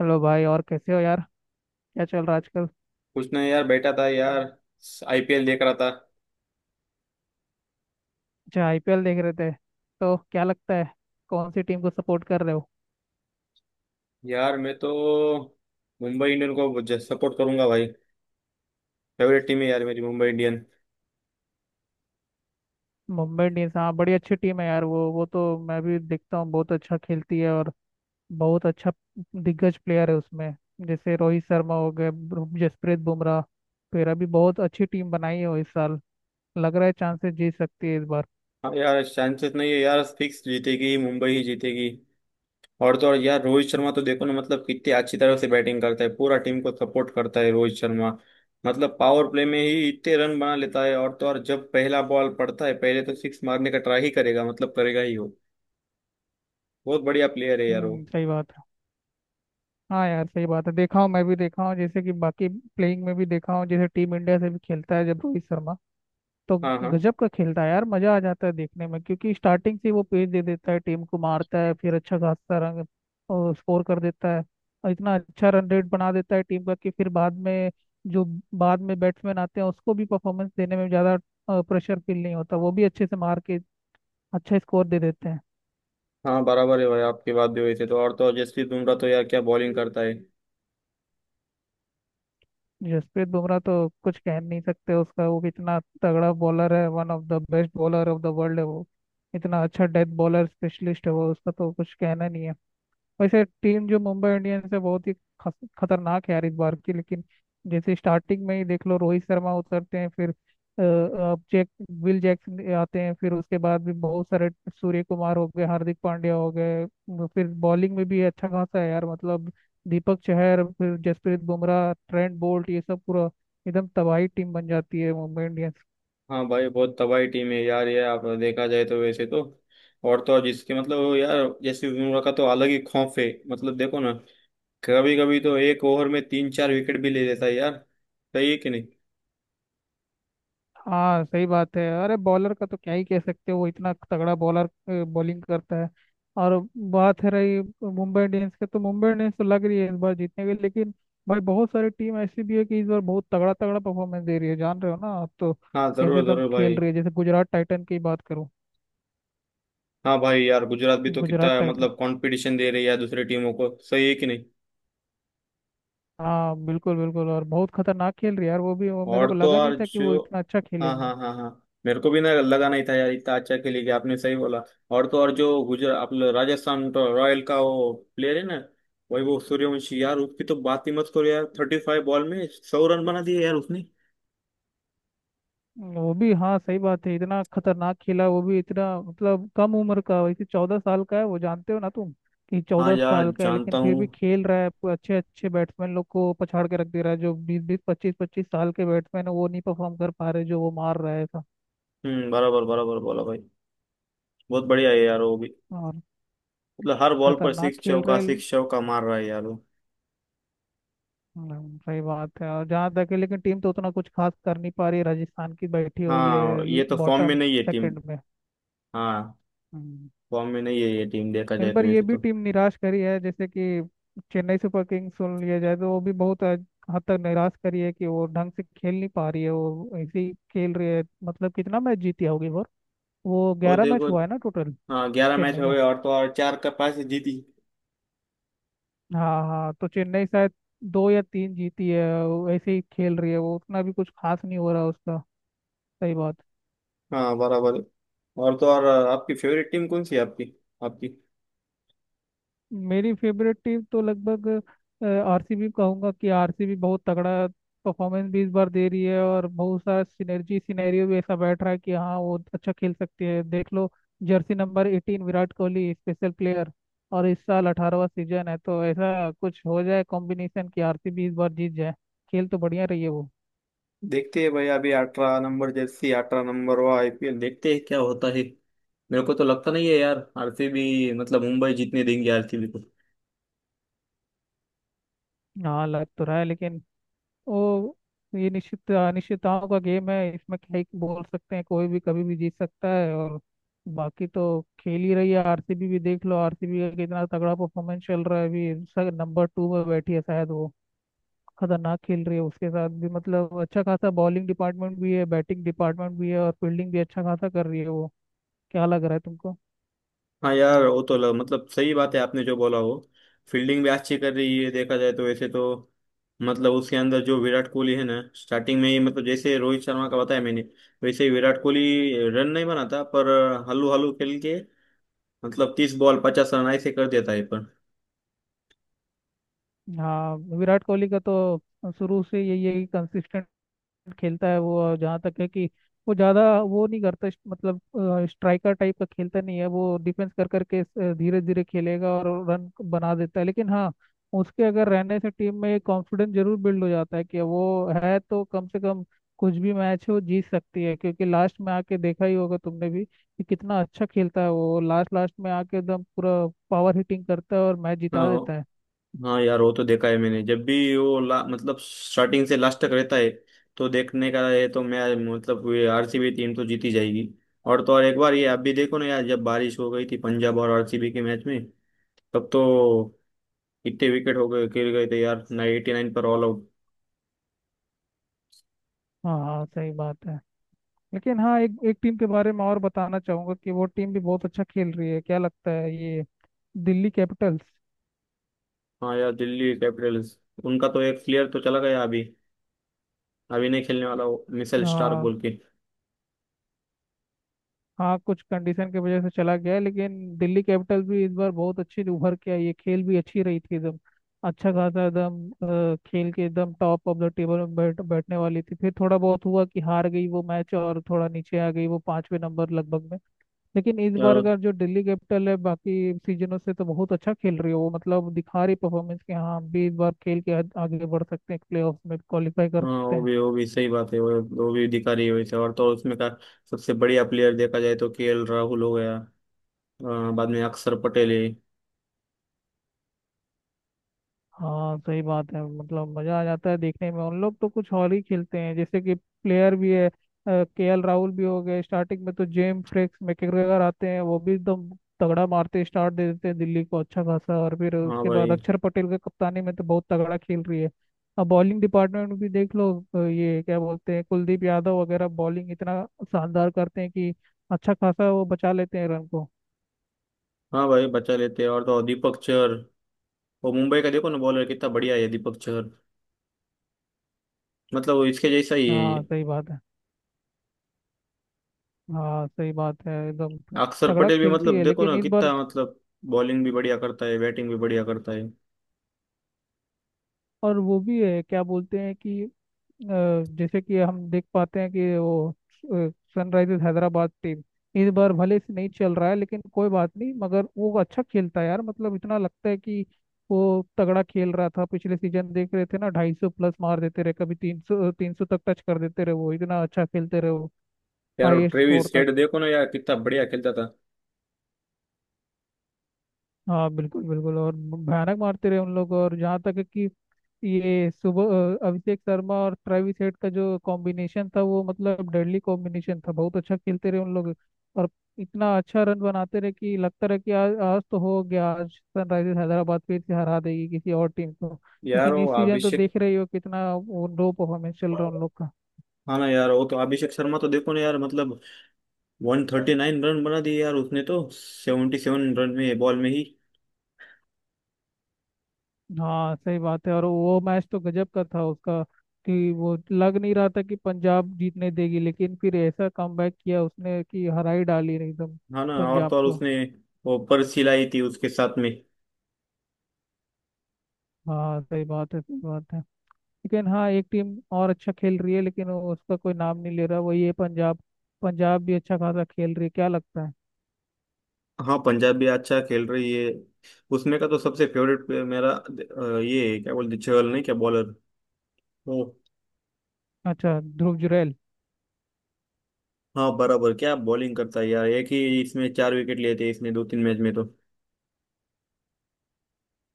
Hello भाई, और कैसे हो यार। क्या चल रहा है आजकल। कुछ नहीं यार, बैठा था यार। आईपीएल देख रहा था। अच्छा, आईपीएल देख रहे थे। तो क्या लगता है, कौन सी टीम को सपोर्ट कर रहे हो। यार मैं तो मुंबई इंडियन को सपोर्ट करूंगा भाई। फेवरेट टीम है यार मेरी मुंबई इंडियन। मुंबई इंडियंस, हाँ, बड़ी अच्छी टीम है यार, वो तो मैं भी देखता हूँ, बहुत अच्छा खेलती है, और बहुत अच्छा दिग्गज प्लेयर है उसमें। जैसे रोहित शर्मा हो गए, जसप्रीत बुमराह, तो ये भी बहुत अच्छी टीम बनाई है वो इस साल। लग रहा है चांसेस जीत सकती है इस बार। हाँ यार, चांसेस नहीं है यार, फिक्स जीतेगी, मुंबई ही जीतेगी। और तो और यार, रोहित शर्मा तो देखो ना, मतलब कितनी अच्छी तरह से बैटिंग करता है, पूरा टीम को सपोर्ट करता है रोहित शर्मा। मतलब पावर प्ले में ही इतने रन बना लेता है। और तो और जब पहला बॉल पड़ता है, पहले तो सिक्स मारने का ट्राई ही करेगा, मतलब करेगा ही वो। बहुत बढ़िया प्लेयर है यार वो। सही बात है। हाँ यार सही बात है, देखा हूँ, मैं भी देखा हूँ, जैसे कि बाकी प्लेइंग में भी देखा हूँ, जैसे टीम इंडिया से भी खेलता है जब रोहित शर्मा, तो हाँ हाँ। गजब का खेलता है यार, मजा आ जाता है देखने में क्योंकि स्टार्टिंग से ही वो पेस दे देता है टीम को, मारता है फिर अच्छा खासा रन स्कोर कर देता है। और इतना अच्छा रन रेट बना देता है टीम का कि फिर बाद में, जो बाद में बैट्समैन आते हैं उसको भी परफॉर्मेंस देने में ज्यादा प्रेशर फील नहीं होता, वो भी अच्छे से मार के अच्छा स्कोर दे देते हैं। हाँ बराबर है भाई, आपकी बात भी हुई थी तो। और तो जसप्रीत बुमराह तो यार क्या बॉलिंग करता है। जसप्रीत बुमराह तो कुछ कह नहीं सकते उसका, वो कितना तगड़ा बॉलर है, one of the best bowler of the world है वो। इतना अच्छा डेथ बॉलर स्पेशलिस्ट है वो, उसका तो कुछ कहना नहीं है। वैसे टीम जो मुंबई इंडियंस है बहुत ही खतरनाक है यार इस बार की। लेकिन जैसे स्टार्टिंग में ही देख लो, रोहित शर्मा उतरते हैं, फिर अ, अ, जैक विल जैक्सन आते हैं, फिर उसके बाद भी बहुत सारे, सूर्य कुमार हो गए, हार्दिक पांड्या हो गए। वो फिर बॉलिंग में भी अच्छा खासा है यार मतलब, दीपक चहर फिर जसप्रीत बुमराह ट्रेंट बोल्ट, ये सब पूरा एकदम तबाही टीम बन जाती है मुंबई इंडियंस। हाँ भाई, बहुत तबाही टीम है यार ये, आप देखा जाए तो वैसे तो। और तो और जिसके मतलब वो, यार जसप्रीत बुमराह का तो अलग ही खौफ है। मतलब देखो ना, कभी कभी तो एक ओवर में तीन चार विकेट भी ले लेता है यार। सही है कि नहीं। हाँ सही बात है, अरे बॉलर का तो क्या ही कह सकते हो, वो इतना तगड़ा बॉलर बॉलिंग करता है। और बात है रही मुंबई इंडियंस के, तो मुंबई इंडियंस तो लग रही है इस बार जीतने के। लेकिन भाई बहुत सारी टीम ऐसी भी है कि इस बार बहुत तगड़ा तगड़ा परफॉर्मेंस दे रही है, जान रहे हो ना आप, तो हाँ कैसे जरूर एकदम जरूर खेल भाई। रही है, जैसे गुजरात टाइटन की बात करूँ। हाँ भाई यार, गुजरात भी तो गुजरात कितना टाइटन, मतलब कंपटीशन दे रही है यार दूसरी टीमों को, सही है कि नहीं। हाँ, बिल्कुल बिल्कुल, और बहुत खतरनाक खेल रही है यार वो भी, वो मेरे और को तो लगा नहीं और था कि वो जो। इतना अच्छा हाँ खेलेगी। हाँ हाँ हाँ। मेरे को भी ना लगा नहीं था यार, इतना अच्छा खेली कि आपने सही बोला। और तो और जो गुजरात आप लोग, राजस्थान तो रॉयल का वो प्लेयर है ना, वैभव सूर्यवंशी यार, उसकी तो बात ही मत करो यार, 35 बॉल में 100 रन बना दिए यार उसने। वो भी हाँ सही बात है, इतना खतरनाक खेला वो भी, इतना मतलब कम उम्र का, वैसे 14 साल का है वो, जानते हो ना तुम कि हाँ चौदह यार साल का है, लेकिन जानता फिर हूँ। भी खेल रहा है, पूरे अच्छे अच्छे बैट्समैन लोग को पछाड़ के रख दे रहा है। जो 20 20 25 25 साल के बैट्समैन है वो नहीं परफॉर्म कर पा रहे, जो वो मार रहा है था, हम्म, बराबर बराबर बोला भाई। बहुत बढ़िया है यार वो भी। और मतलब हर बॉल पर खतरनाक खेल रहे। सिक्स चौका मार रहा है यार वो। सही बात है, और जहाँ तक है, लेकिन टीम तो उतना कुछ खास कर नहीं पा रही है राजस्थान की, बैठी हुई हाँ है ये तो फॉर्म में बॉटम नहीं है टीम। सेकंड में। हाँ। हम्म, फॉर्म में नहीं है ये टीम, देखा इस जाए तो बार ये वैसे भी तो। टीम निराश करी है, जैसे कि चेन्नई सुपर किंग्स सुन लिया जाए तो वो भी बहुत हद हद तक निराश करी है कि वो ढंग से खेल नहीं पा रही है, वो ऐसे ही खेल रही है, मतलब कितना मैच जीती होगी वो। वो और 11 मैच देखो। हुआ है ना टोटल। हाँ, 11 मैच चेन्नई हो का, गए और तो और चार का पास जीती। हाँ हाँ, तो चेन्नई शायद दो या तीन जीती है, वो ऐसे ही खेल रही है, वो उतना भी कुछ खास नहीं हो रहा उसका, सही बात। हाँ बराबर है। और तो और आपकी फेवरेट टीम कौन सी है आपकी? आपकी? मेरी फेवरेट टीम तो लगभग आरसीबी कहूंगा, कि आरसीबी बहुत तगड़ा परफॉर्मेंस भी इस बार दे रही है, और बहुत सारा सिनर्जी सिनेरियो भी ऐसा बैठ रहा है कि हाँ वो अच्छा खेल सकती है, देख लो jersey number 18 Virat Kohli, special player, और इस साल 18वाँ सीजन है, तो ऐसा कुछ हो जाए कॉम्बिनेशन कि आरसीबी इस बार जीत जाए। खेल तो बढ़िया रही है वो। देखते हैं भाई, अभी 18 नंबर जर्सी, 18 नंबर वो आईपीएल, देखते हैं क्या होता है। मेरे को तो लगता नहीं है यार आरसीबी, मतलब मुंबई जीतने देंगे आरसीबी। हाँ लग तो रहा है, लेकिन ओ, ये निश्चित अनिश्चितताओं का गेम है, इसमें क्या ही बोल सकते हैं, कोई भी कभी भी जीत सकता है। और बाकी तो खेल ही रही है आरसीबी भी, देख लो आरसीबी का कितना तगड़ा परफॉर्मेंस चल रहा है अभी, सर नंबर 2 में बैठी है शायद वो, खतरनाक खेल रही है। उसके साथ भी मतलब अच्छा खासा बॉलिंग डिपार्टमेंट भी है, बैटिंग डिपार्टमेंट भी है, और फील्डिंग भी अच्छा खासा कर रही है वो। क्या लग रहा है तुमको। हाँ यार वो तो मतलब सही बात है आपने जो बोला वो। फील्डिंग भी अच्छी कर रही है देखा जाए तो वैसे तो। मतलब उसके अंदर जो विराट कोहली है ना, स्टार्टिंग में ही, मतलब जैसे रोहित शर्मा का बताया मैंने, वैसे ही विराट कोहली रन नहीं बनाता पर, हल्लू हल्लू खेल के, मतलब 30 बॉल 50 रन ऐसे कर देता है पर। हाँ विराट कोहली का तो शुरू से यही है कि कंसिस्टेंट खेलता है वो, और जहाँ तक है कि वो ज़्यादा वो नहीं करता, मतलब स्ट्राइकर टाइप का खेलता नहीं है वो, डिफेंस कर करके धीरे धीरे खेलेगा और रन बना देता है। लेकिन हाँ, उसके अगर रहने से टीम में कॉन्फिडेंस जरूर बिल्ड हो जाता है, कि वो है तो कम से कम कुछ भी मैच है वो जीत सकती है, क्योंकि लास्ट में आके देखा ही होगा तुमने भी कि कितना अच्छा खेलता है वो, लास्ट लास्ट में आके एकदम पूरा पावर हिटिंग करता है और मैच जिता देता हाँ। है। हाँ यार वो तो देखा है मैंने, जब भी वो मतलब स्टार्टिंग से लास्ट तक रहता है, तो देखने का है, तो मैं मतलब ये आरसीबी टीम तो जीती जाएगी। और तो और एक बार ये आप भी देखो ना यार, जब बारिश हो गई थी पंजाब और आरसीबी के मैच में, तब तो इतने विकेट हो गए, गिर गए थे यार, 89 पर ऑल आउट। हाँ हाँ सही बात है। लेकिन हाँ, एक एक टीम के बारे में और बताना चाहूंगा कि वो टीम भी बहुत अच्छा खेल रही है, क्या लगता है, ये दिल्ली कैपिटल्स। हाँ यार, दिल्ली कैपिटल्स। उनका तो एक प्लेयर तो चला गया अभी, अभी नहीं खेलने वाला वो, मिशेल स्टार्क हाँ, बोल के। हाँ, कुछ कंडीशन की वजह से चला गया है, लेकिन दिल्ली कैपिटल्स भी इस बार बहुत अच्छी उभर के आई है, खेल भी अच्छी रही थी एकदम, अच्छा खासा एकदम खेल के एकदम टॉप ऑफ द टेबल में बैठने वाली थी, फिर थोड़ा बहुत हुआ कि हार गई वो मैच और थोड़ा नीचे आ गई वो, 5वें नंबर लगभग में। लेकिन इस बार यार का जो दिल्ली कैपिटल है बाकी सीजनों से तो बहुत अच्छा खेल रही है वो, मतलब दिखा रही परफॉर्मेंस कि हाँ हम भी इस बार खेल के आगे बढ़ सकते हैं, प्लेऑफ्स में क्वालिफाई कर हाँ, सकते हैं। वो भी सही बात है वो। वो भी दिखा रही है वैसे। और तो उसमें का सबसे बढ़िया प्लेयर देखा जाए तो केएल राहुल हो गया, बाद में अक्षर पटेल है। हाँ सही बात है, मतलब मजा आ जाता है देखने में, उन लोग तो कुछ और ही खेलते हैं, जैसे कि प्लेयर भी है, के एल राहुल भी हो गए, स्टार्टिंग में तो जेम फ्रिक्स मैकग्रेगर आते हैं, वो भी एकदम तगड़ा मारते स्टार्ट दे देते हैं दिल्ली को अच्छा खासा, और फिर हाँ उसके बाद भाई। अक्षर पटेल के कप्तानी में तो बहुत तगड़ा खेल रही है। अब बॉलिंग डिपार्टमेंट भी देख लो, ये क्या बोलते हैं, कुलदीप यादव वगैरह, बॉलिंग इतना शानदार करते हैं कि अच्छा खासा वो बचा लेते हैं रन को। हाँ भाई, बचा लेते हैं और तो और दीपक चहर वो मुंबई का, देखो ना बॉलर कितना बढ़िया है दीपक चहर, मतलब वो इसके जैसा ही है हाँ ये। सही बात है, हाँ सही बात है, एकदम अक्षर तगड़ा पटेल भी खेलती मतलब है, देखो लेकिन ना इस बार। कितना मतलब बॉलिंग भी बढ़िया करता है, बैटिंग भी बढ़िया करता है। और वो भी है क्या बोलते हैं कि, अ, जैसे कि हम देख पाते हैं कि वो सनराइजर्स हैदराबाद टीम इस बार भले से नहीं चल रहा है, लेकिन कोई बात नहीं, मगर वो अच्छा खेलता है यार, मतलब इतना लगता है कि वो तगड़ा खेल रहा था पिछले सीजन, देख रहे थे ना, 250 प्लस मार देते रहे, कभी 300 300 तक टच कर देते रहे, वो इतना अच्छा खेलते रहे वो, यार वो हाईएस्ट स्कोर ट्रेविस तक। हेड देखो ना यार कितना बढ़िया खेलता था। हाँ बिल्कुल बिल्कुल, और भयानक मारते रहे उन लोग, और जहाँ तक है कि ये सुबह अभिषेक शर्मा और ट्रेविस हेड का जो कॉम्बिनेशन था, वो मतलब डेडली कॉम्बिनेशन था, बहुत अच्छा खेलते रहे उन लोग, और इतना अच्छा रन बनाते रहे कि लगता रहा कि आज आज तो हो गया, आज सनराइजर्स हैदराबाद फिर से हरा देगी किसी और टीम को। यार लेकिन वो इस सीजन तो अभिषेक। देख रही हो कितना वो लो परफॉर्मेंस चल रहा है उन लोग का। हाँ ना यार, वो तो अभिषेक शर्मा तो देखो ना यार, मतलब 139 रन बना दिए यार उसने तो, 77 रन में बॉल में ही। हाँ सही बात है, और वो मैच तो गजब का था उसका, कि वो लग नहीं रहा था कि पंजाब जीतने देगी, लेकिन फिर ऐसा कमबैक किया उसने कि हरा ही डाली एकदम हाँ ना, और पंजाब तो और को। उसने वो पर्ची लाई थी उसके साथ में। हाँ सही बात है, सही बात है। लेकिन हाँ एक टीम और अच्छा खेल रही है, लेकिन उसका कोई नाम नहीं ले रहा वो, ये पंजाब, पंजाब भी अच्छा खासा खेल रही है, क्या लगता है। हाँ पंजाब भी अच्छा खेल रही है। उसमें का तो सबसे फेवरेट प्लेयर मेरा, ये है, क्या बोलते, चहल, नहीं क्या बॉलर वो। अच्छा, ध्रुव जुरैल। हाँ बराबर, क्या बॉलिंग करता है यार, एक ही इसमें चार विकेट लिए थे इसने दो तीन मैच में तो।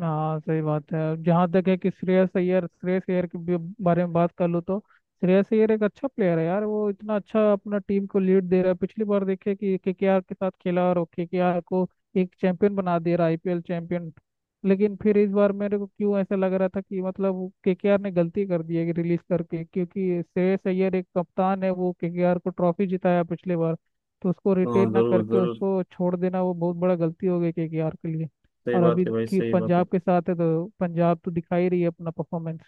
हाँ सही बात है, जहाँ तक है कि श्रेयस अय्यर, श्रेयस अय्यर के भी बारे में बात कर लूँ तो श्रेयस अय्यर एक अच्छा प्लेयर है यार वो, इतना अच्छा अपना टीम को लीड दे रहा है, पिछली बार देखे कि केकेआर के साथ खेला और केकेआर को एक चैंपियन बना दे रहा, आईपीएल चैंपियन। लेकिन फिर इस बार मेरे को क्यों ऐसा लग रहा था कि मतलब केकेआर ने गलती कर दी है रिलीज करके, क्योंकि श्रेयस अय्यर एक कप्तान है, वो केकेआर को ट्रॉफी जिताया पिछले बार, तो उसको हाँ रिटेन ना जरूर करके जरूर, उसको छोड़ देना वो बहुत बड़ा गलती हो गई केकेआर के लिए। सही और बात अभी है भाई, की सही बात है। पंजाब के साथ है, तो पंजाब तो दिखा ही रही है अपना परफॉर्मेंस।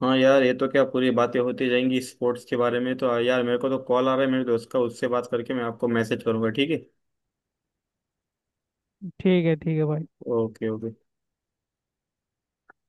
हाँ यार, ये तो क्या पूरी बातें होती जाएंगी स्पोर्ट्स के बारे में, तो यार मेरे को तो कॉल आ रहा है मेरे दोस्त का, उससे बात करके मैं आपको मैसेज करूंगा, ठीक है? ठीक है भाई। Okay okay.